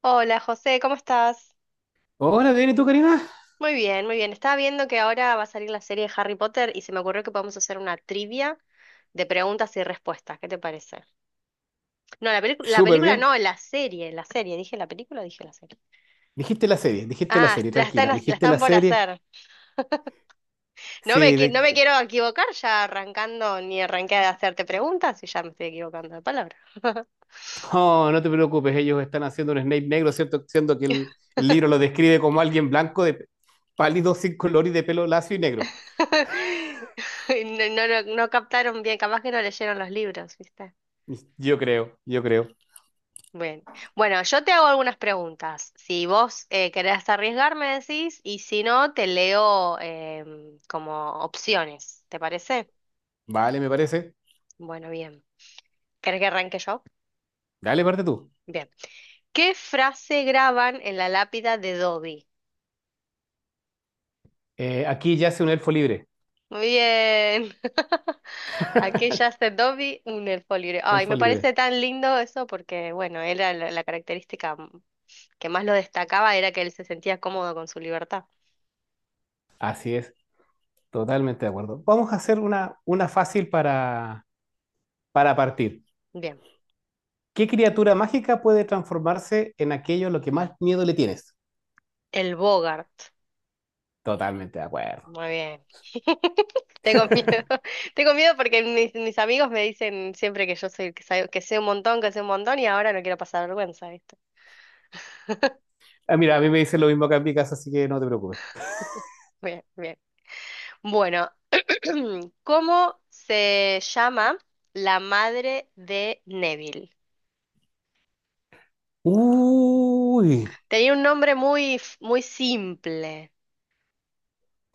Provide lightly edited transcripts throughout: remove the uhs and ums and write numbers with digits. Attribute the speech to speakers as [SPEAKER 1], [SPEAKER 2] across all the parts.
[SPEAKER 1] Hola José, ¿cómo estás?
[SPEAKER 2] Hola, bien, ¿y tú, Karina?
[SPEAKER 1] Muy bien, muy bien. Estaba viendo que ahora va a salir la serie de Harry Potter y se me ocurrió que podemos hacer una trivia de preguntas y respuestas. ¿Qué te parece? No, la
[SPEAKER 2] Súper
[SPEAKER 1] película
[SPEAKER 2] bien.
[SPEAKER 1] no, la serie, la serie. ¿Dije la película o dije la serie?
[SPEAKER 2] Dijiste la
[SPEAKER 1] Ah,
[SPEAKER 2] serie, tranquila,
[SPEAKER 1] la
[SPEAKER 2] dijiste
[SPEAKER 1] están
[SPEAKER 2] la
[SPEAKER 1] por
[SPEAKER 2] serie.
[SPEAKER 1] hacer. No me,
[SPEAKER 2] Sí,
[SPEAKER 1] qui- no
[SPEAKER 2] de-
[SPEAKER 1] me quiero equivocar ya arrancando, ni arranqué a hacerte preguntas y ya me estoy equivocando de palabra.
[SPEAKER 2] no, no te preocupes, ellos están haciendo un Snape negro, ¿cierto? Siendo que el libro lo describe como alguien blanco, de pálido, sin color y de pelo lacio y negro.
[SPEAKER 1] No, no, no, no captaron bien, capaz que no leyeron los libros, ¿viste?
[SPEAKER 2] Yo creo, yo creo.
[SPEAKER 1] Bien. Bueno, yo te hago algunas preguntas. Si vos querés arriesgar, me decís, y si no, te leo como opciones. ¿Te parece?
[SPEAKER 2] Vale, me parece.
[SPEAKER 1] Bueno, bien. ¿Querés que arranque yo?
[SPEAKER 2] Dale, parte tú.
[SPEAKER 1] Bien. ¿Qué frase graban en la lápida de Dobby?
[SPEAKER 2] Aquí yace un elfo libre.
[SPEAKER 1] Muy bien. Aquí yace Dobby un elfo libre. Ay,
[SPEAKER 2] Elfo
[SPEAKER 1] me parece
[SPEAKER 2] libre.
[SPEAKER 1] tan lindo eso porque, bueno, era la característica que más lo destacaba era que él se sentía cómodo con su libertad.
[SPEAKER 2] Así es, totalmente de acuerdo. Vamos a hacer una fácil para partir.
[SPEAKER 1] Bien.
[SPEAKER 2] ¿Qué criatura mágica puede transformarse en aquello a lo que más miedo le tienes?
[SPEAKER 1] El Bogart.
[SPEAKER 2] Totalmente de acuerdo.
[SPEAKER 1] Muy bien. Tengo miedo. Tengo miedo porque mis amigos me dicen siempre que yo soy el que sabe, que sé un montón, que sé un montón y ahora no quiero pasar vergüenza, ¿viste?
[SPEAKER 2] Ah, mira, a mí me dicen lo mismo acá en mi casa, así que no te preocupes.
[SPEAKER 1] Bien, bien. Bueno, ¿cómo se llama la madre de Neville?
[SPEAKER 2] Uy,
[SPEAKER 1] Tenía un nombre muy simple,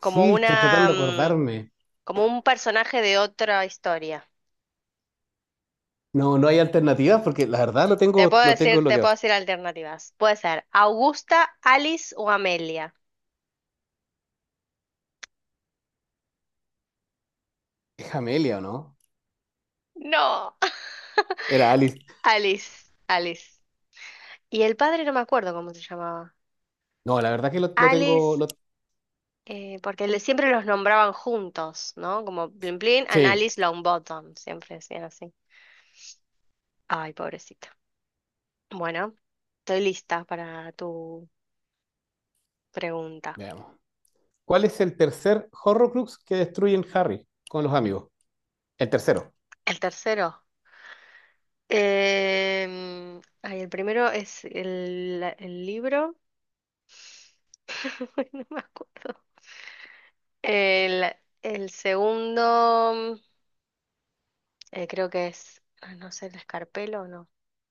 [SPEAKER 1] como
[SPEAKER 2] estoy tratando
[SPEAKER 1] una,
[SPEAKER 2] de
[SPEAKER 1] mm,
[SPEAKER 2] acordarme.
[SPEAKER 1] como un personaje de otra historia.
[SPEAKER 2] No, no hay alternativas porque la verdad lo
[SPEAKER 1] Te
[SPEAKER 2] tengo,
[SPEAKER 1] puedo
[SPEAKER 2] lo tengo
[SPEAKER 1] decir, te
[SPEAKER 2] bloqueado.
[SPEAKER 1] puedo decir alternativas. Puede ser Augusta, Alice o Amelia.
[SPEAKER 2] Es Amelia, ¿o no?
[SPEAKER 1] No.
[SPEAKER 2] Era Alice.
[SPEAKER 1] Alice, Alice. Y el padre no me acuerdo cómo se llamaba.
[SPEAKER 2] No, la verdad que lo, lo tengo.
[SPEAKER 1] Alice,
[SPEAKER 2] lo-
[SPEAKER 1] porque siempre los nombraban juntos, ¿no? Como Plin Plin and
[SPEAKER 2] Sí,
[SPEAKER 1] Alice Longbottom, siempre decían así. Ay, pobrecita. Bueno, estoy lista para tu pregunta.
[SPEAKER 2] veamos. ¿Cuál es el tercer Horrocrux que destruyen Harry con los amigos? El tercero.
[SPEAKER 1] El tercero. Ay, el primero es el libro. No me acuerdo. El, el segundo, creo que es, ah, no sé, el escarpelo o no.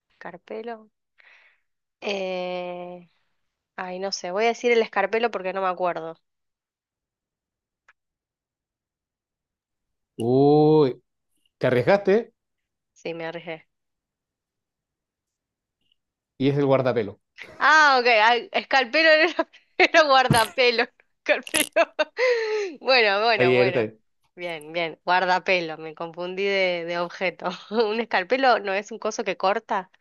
[SPEAKER 1] Escarpelo. Eh, ay, no sé, voy a decir el escarpelo porque no me acuerdo.
[SPEAKER 2] Uy, te arriesgaste
[SPEAKER 1] Sí, me arriesgué.
[SPEAKER 2] y es el guardapelo.
[SPEAKER 1] Ah, ok, ay, escarpelo era, era guardapelo, escarpelo. Bueno,
[SPEAKER 2] Está
[SPEAKER 1] bueno,
[SPEAKER 2] bien, está
[SPEAKER 1] bueno.
[SPEAKER 2] bien.
[SPEAKER 1] Bien, bien, guardapelo, me confundí de objeto. ¿Un escarpelo no es un coso que corta?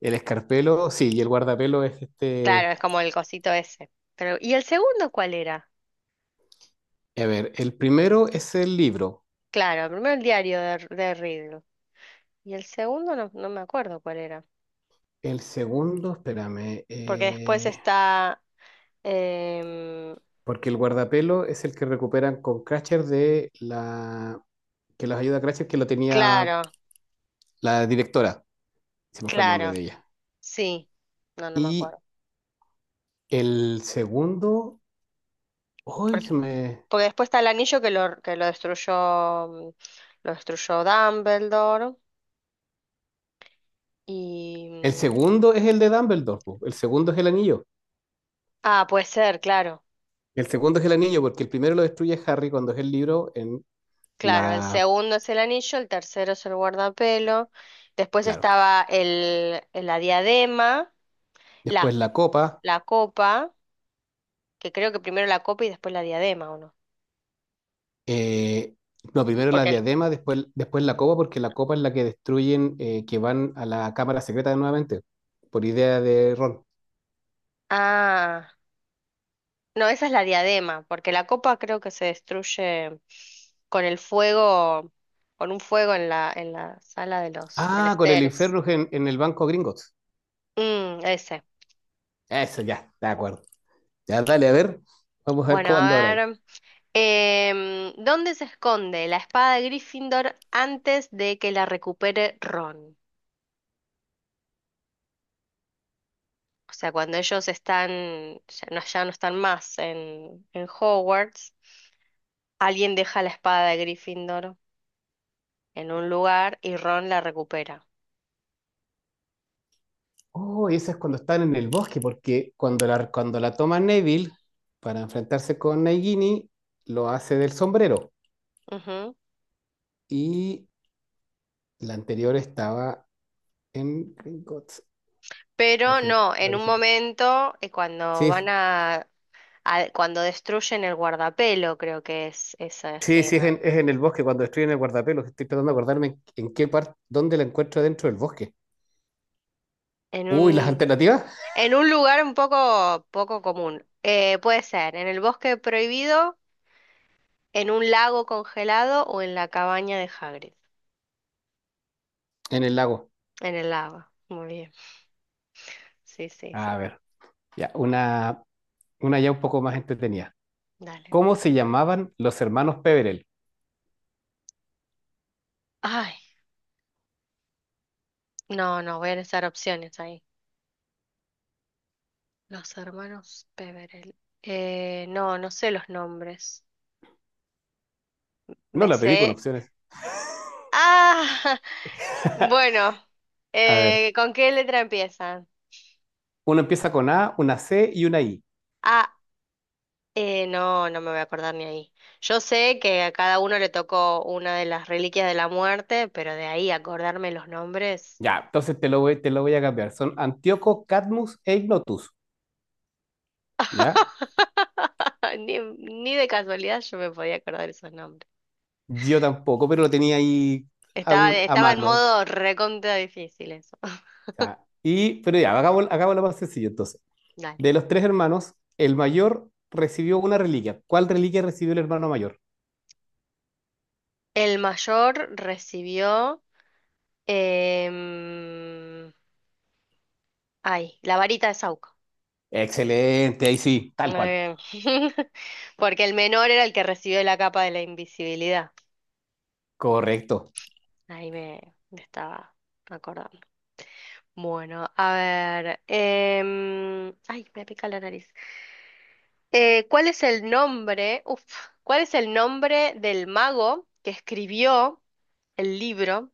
[SPEAKER 2] El escarpelo, sí, y el guardapelo es
[SPEAKER 1] Claro,
[SPEAKER 2] este.
[SPEAKER 1] es como el cosito ese. Pero, ¿y el segundo cuál era?
[SPEAKER 2] A ver, el primero es el libro.
[SPEAKER 1] Claro, primero el diario de Riddick. Y el segundo no me acuerdo cuál era.
[SPEAKER 2] El segundo, espérame,
[SPEAKER 1] Porque después está. em,
[SPEAKER 2] porque el guardapelo es el que recuperan con Cratcher, de la que los ayuda a Cratcher, que lo tenía
[SPEAKER 1] Claro.
[SPEAKER 2] la directora. Se me fue el nombre
[SPEAKER 1] Claro,
[SPEAKER 2] de ella.
[SPEAKER 1] sí. No, no me
[SPEAKER 2] Y
[SPEAKER 1] acuerdo.
[SPEAKER 2] el segundo, ay
[SPEAKER 1] Por-
[SPEAKER 2] se me...
[SPEAKER 1] Porque, después está el anillo que lo destruyó, lo destruyó Dumbledore. Y...
[SPEAKER 2] El
[SPEAKER 1] mm,
[SPEAKER 2] segundo es el de Dumbledore, po. El segundo es el anillo.
[SPEAKER 1] Ah, puede ser, claro.
[SPEAKER 2] El segundo es el anillo, porque el primero lo destruye Harry cuando es el libro en
[SPEAKER 1] Claro, el
[SPEAKER 2] la...
[SPEAKER 1] segundo es el anillo, el tercero es el guardapelo. Después
[SPEAKER 2] Claro.
[SPEAKER 1] estaba la diadema,
[SPEAKER 2] Después
[SPEAKER 1] la,
[SPEAKER 2] la copa.
[SPEAKER 1] la copa, que creo que primero la copa y después la diadema, ¿o no?
[SPEAKER 2] Eh, no, primero la
[SPEAKER 1] Porque... el-
[SPEAKER 2] diadema, después la copa, porque la copa es la que destruyen, que van a la cámara secreta nuevamente, por idea de Ron.
[SPEAKER 1] Ah. No, esa es la diadema, porque la copa creo que se destruye con el fuego, con un fuego en la sala de los
[SPEAKER 2] Ah, con el
[SPEAKER 1] menesteres.
[SPEAKER 2] infierno en el banco Gringotts.
[SPEAKER 1] Mm, ese.
[SPEAKER 2] Eso ya, de acuerdo. Ya, dale, a ver, vamos a ver
[SPEAKER 1] Bueno,
[SPEAKER 2] cómo ando ahora.
[SPEAKER 1] a
[SPEAKER 2] Ahí.
[SPEAKER 1] ver. ¿Dónde se esconde la espada de Gryffindor antes de que la recupere Ron? O sea, cuando ellos están, ya no, ya no están más en Hogwarts, alguien deja la espada de Gryffindor en un lugar y Ron la recupera.
[SPEAKER 2] Oh, y eso es cuando están en el bosque, porque cuando la toma Neville para enfrentarse con Nagini, lo hace del sombrero. Y la anterior estaba en Gringotts, y al
[SPEAKER 1] Pero
[SPEAKER 2] final
[SPEAKER 1] no,
[SPEAKER 2] era la
[SPEAKER 1] en un
[SPEAKER 2] original.
[SPEAKER 1] momento, cuando van
[SPEAKER 2] Sí,
[SPEAKER 1] cuando destruyen el guardapelo, creo que es esa
[SPEAKER 2] sí, sí, es
[SPEAKER 1] escena.
[SPEAKER 2] en, el bosque, cuando estoy en el guardapelo, que estoy tratando de acordarme en, qué parte, dónde la encuentro dentro del bosque.
[SPEAKER 1] En
[SPEAKER 2] Uy, las
[SPEAKER 1] un,
[SPEAKER 2] alternativas
[SPEAKER 1] en un lugar un poco común. Puede ser en el bosque prohibido, en un lago congelado o en la cabaña de Hagrid.
[SPEAKER 2] en el lago.
[SPEAKER 1] En el lago. Muy bien. Sí, sí,
[SPEAKER 2] A
[SPEAKER 1] sí.
[SPEAKER 2] ver, ya, una ya un poco más entretenida.
[SPEAKER 1] Dale.
[SPEAKER 2] ¿Cómo se llamaban los hermanos Peverell?
[SPEAKER 1] Ay, no, no, voy a necesitar opciones ahí. Los hermanos Peverell. No, no sé los nombres.
[SPEAKER 2] No
[SPEAKER 1] Me
[SPEAKER 2] la pedí con
[SPEAKER 1] sé.
[SPEAKER 2] opciones.
[SPEAKER 1] Ah, bueno,
[SPEAKER 2] A ver,
[SPEAKER 1] ¿con qué letra empiezan?
[SPEAKER 2] uno empieza con A, una C y una I.
[SPEAKER 1] Ah, no, no me voy a acordar ni ahí. Yo sé que a cada uno le tocó una de las reliquias de la muerte, pero de ahí acordarme los nombres.
[SPEAKER 2] Ya, entonces te lo voy a cambiar. Son Antíoco, Cadmus e Ignotus. ¿Ya?
[SPEAKER 1] Ni, ni de casualidad yo me podía acordar esos nombres.
[SPEAKER 2] Yo tampoco, pero lo tenía ahí a,
[SPEAKER 1] Estaba,
[SPEAKER 2] un- a
[SPEAKER 1] estaba en
[SPEAKER 2] mano.
[SPEAKER 1] modo recontra difícil eso.
[SPEAKER 2] Ya. Y, pero ya, hagámoslo más sencillo entonces.
[SPEAKER 1] Dale.
[SPEAKER 2] De los tres hermanos, el mayor recibió una reliquia. ¿Cuál reliquia recibió el hermano mayor?
[SPEAKER 1] El mayor recibió, em, ay, la varita de Saúco.
[SPEAKER 2] Excelente, ahí sí,
[SPEAKER 1] Muy
[SPEAKER 2] tal cual.
[SPEAKER 1] bien. Porque el menor era el que recibió la capa de la invisibilidad.
[SPEAKER 2] Correcto.
[SPEAKER 1] Ahí me estaba acordando. Bueno, a ver. Ay, me pica la nariz. ¿Cuál es el nombre? Uf, ¿cuál es el nombre del mago que escribió el libro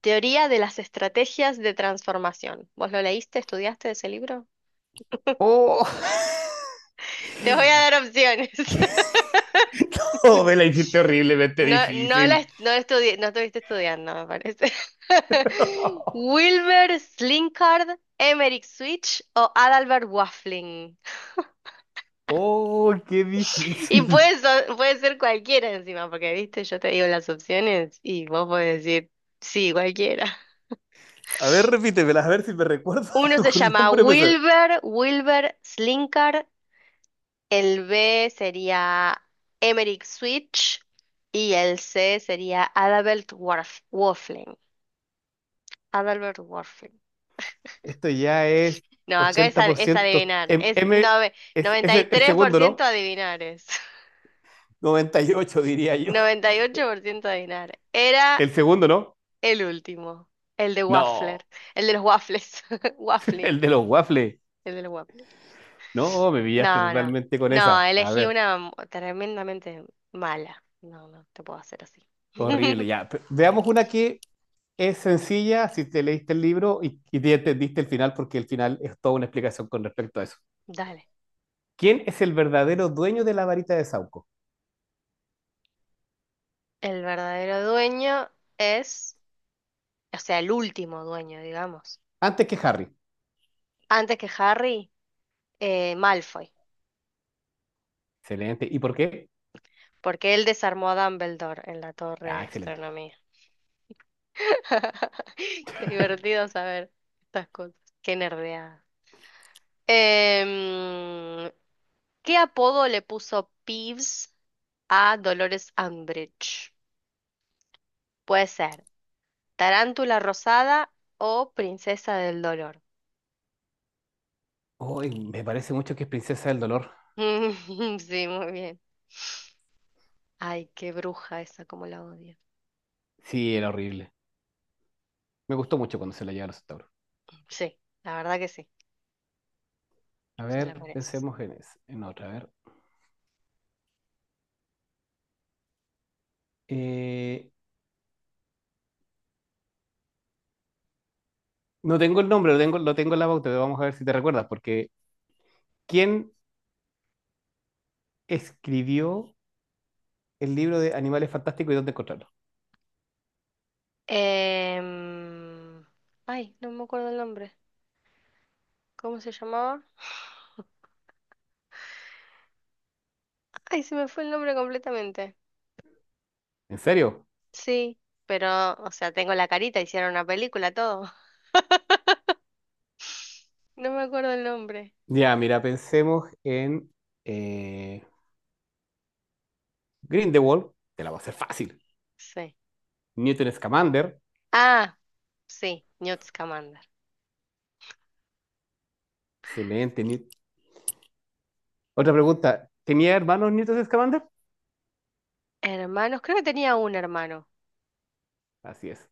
[SPEAKER 1] Teoría de las Estrategias de Transformación? ¿Vos lo leíste, estudiaste ese libro?
[SPEAKER 2] Oh,
[SPEAKER 1] Te voy a dar opciones.
[SPEAKER 2] oh me la hiciste horriblemente
[SPEAKER 1] No,
[SPEAKER 2] difícil.
[SPEAKER 1] no estudié, no estuviste estudiando, me parece. Wilbur Slinkard, Emerick Switch o Adalbert Waffling.
[SPEAKER 2] Oh, qué
[SPEAKER 1] Y
[SPEAKER 2] difícil.
[SPEAKER 1] puede ser cualquiera encima, porque viste, yo te digo las opciones y vos podés decir, sí, cualquiera.
[SPEAKER 2] A ver, repítemelas, a ver si me recuerdo de
[SPEAKER 1] Uno se
[SPEAKER 2] algún
[SPEAKER 1] llama
[SPEAKER 2] nombre. Pues,
[SPEAKER 1] Wilbur Slinkard, el B sería Emerick Switch y el C sería Adalbert Waffling. Adalbert Waffling.
[SPEAKER 2] esto ya es
[SPEAKER 1] No, es
[SPEAKER 2] 80%.
[SPEAKER 1] adivinar,
[SPEAKER 2] M,
[SPEAKER 1] es
[SPEAKER 2] M es
[SPEAKER 1] noventa y
[SPEAKER 2] el
[SPEAKER 1] tres por
[SPEAKER 2] segundo,
[SPEAKER 1] ciento
[SPEAKER 2] ¿no?
[SPEAKER 1] adivinar es.
[SPEAKER 2] 98 diría yo.
[SPEAKER 1] 98% de Dinar. Era
[SPEAKER 2] El segundo, ¿no?
[SPEAKER 1] el último, el de
[SPEAKER 2] No,
[SPEAKER 1] Waffler, el de los waffles, waffling,
[SPEAKER 2] el de los waffles.
[SPEAKER 1] el de los waffles.
[SPEAKER 2] No, me pillaste
[SPEAKER 1] No, no,
[SPEAKER 2] totalmente con
[SPEAKER 1] no,
[SPEAKER 2] esa. A
[SPEAKER 1] elegí
[SPEAKER 2] ver,
[SPEAKER 1] una tremendamente mala. No, no, te puedo hacer así.
[SPEAKER 2] horrible, ya. Veamos una que es sencilla si te leíste el libro y te entendiste el final, porque el final es toda una explicación con respecto a eso.
[SPEAKER 1] Dale.
[SPEAKER 2] ¿Quién es el verdadero dueño de la varita de Sauco?
[SPEAKER 1] El verdadero dueño es, o sea, el último dueño, digamos.
[SPEAKER 2] Antes que Harry.
[SPEAKER 1] Antes que Harry, Malfoy,
[SPEAKER 2] Excelente. ¿Y por qué?
[SPEAKER 1] porque él desarmó a Dumbledore en la torre
[SPEAKER 2] Ah,
[SPEAKER 1] de
[SPEAKER 2] excelente.
[SPEAKER 1] astronomía. Qué divertido saber estas cosas. Qué nerdeada. Em, ¿Qué apodo le puso Peeves a Dolores Umbridge? Puede ser Tarántula Rosada o Princesa del Dolor.
[SPEAKER 2] Uy, me parece mucho que es Princesa del Dolor.
[SPEAKER 1] Sí, muy bien. Ay, qué bruja esa, como la odio.
[SPEAKER 2] Sí, era horrible. Me gustó mucho cuando se la lleva a los tauros.
[SPEAKER 1] Sí, la verdad que sí,
[SPEAKER 2] A
[SPEAKER 1] se la
[SPEAKER 2] ver,
[SPEAKER 1] merece.
[SPEAKER 2] pensemos en otra. A ver. Eh, no tengo el nombre, lo tengo en la pauta, pero vamos a ver si te recuerdas, porque ¿quién escribió el libro de Animales Fantásticos y dónde encontrarlos?
[SPEAKER 1] Em, Ay, no me acuerdo el nombre. ¿Cómo se llamaba? Ay, se me fue el nombre completamente.
[SPEAKER 2] ¿En serio?
[SPEAKER 1] Sí, pero, o sea, tengo la carita, hicieron una película, todo. No me acuerdo el nombre.
[SPEAKER 2] Ya, mira, pensemos en eh, Grindelwald, te la voy a hacer fácil.
[SPEAKER 1] Sí.
[SPEAKER 2] Newton Scamander,
[SPEAKER 1] Ah, sí, Newt Scamander.
[SPEAKER 2] excelente. Otra pregunta, ¿tenía hermanos Newton Scamander?
[SPEAKER 1] Hermanos, creo que tenía un hermano,
[SPEAKER 2] Así es.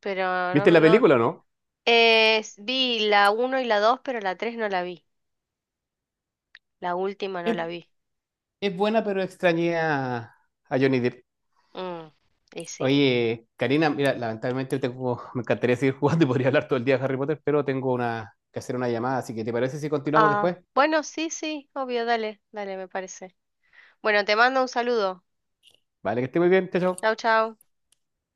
[SPEAKER 1] pero
[SPEAKER 2] ¿Viste
[SPEAKER 1] no,
[SPEAKER 2] la
[SPEAKER 1] no.
[SPEAKER 2] película o no?
[SPEAKER 1] eh, vi la uno y la 2, pero la 3 no la vi. La última no
[SPEAKER 2] Es,
[SPEAKER 1] la vi.
[SPEAKER 2] buena, pero extrañé a Johnny Depp.
[SPEAKER 1] Mm, y sí.
[SPEAKER 2] Oye, Karina, mira, lamentablemente me encantaría seguir jugando y podría hablar todo el día de Harry Potter, pero tengo que hacer una llamada, así que ¿te parece si continuamos después?
[SPEAKER 1] Ah, bueno, sí, sí, obvio, dale, dale, me parece. Bueno, te mando un saludo.
[SPEAKER 2] Vale, que esté muy bien, chao,
[SPEAKER 1] Chau,
[SPEAKER 2] chao.
[SPEAKER 1] chau.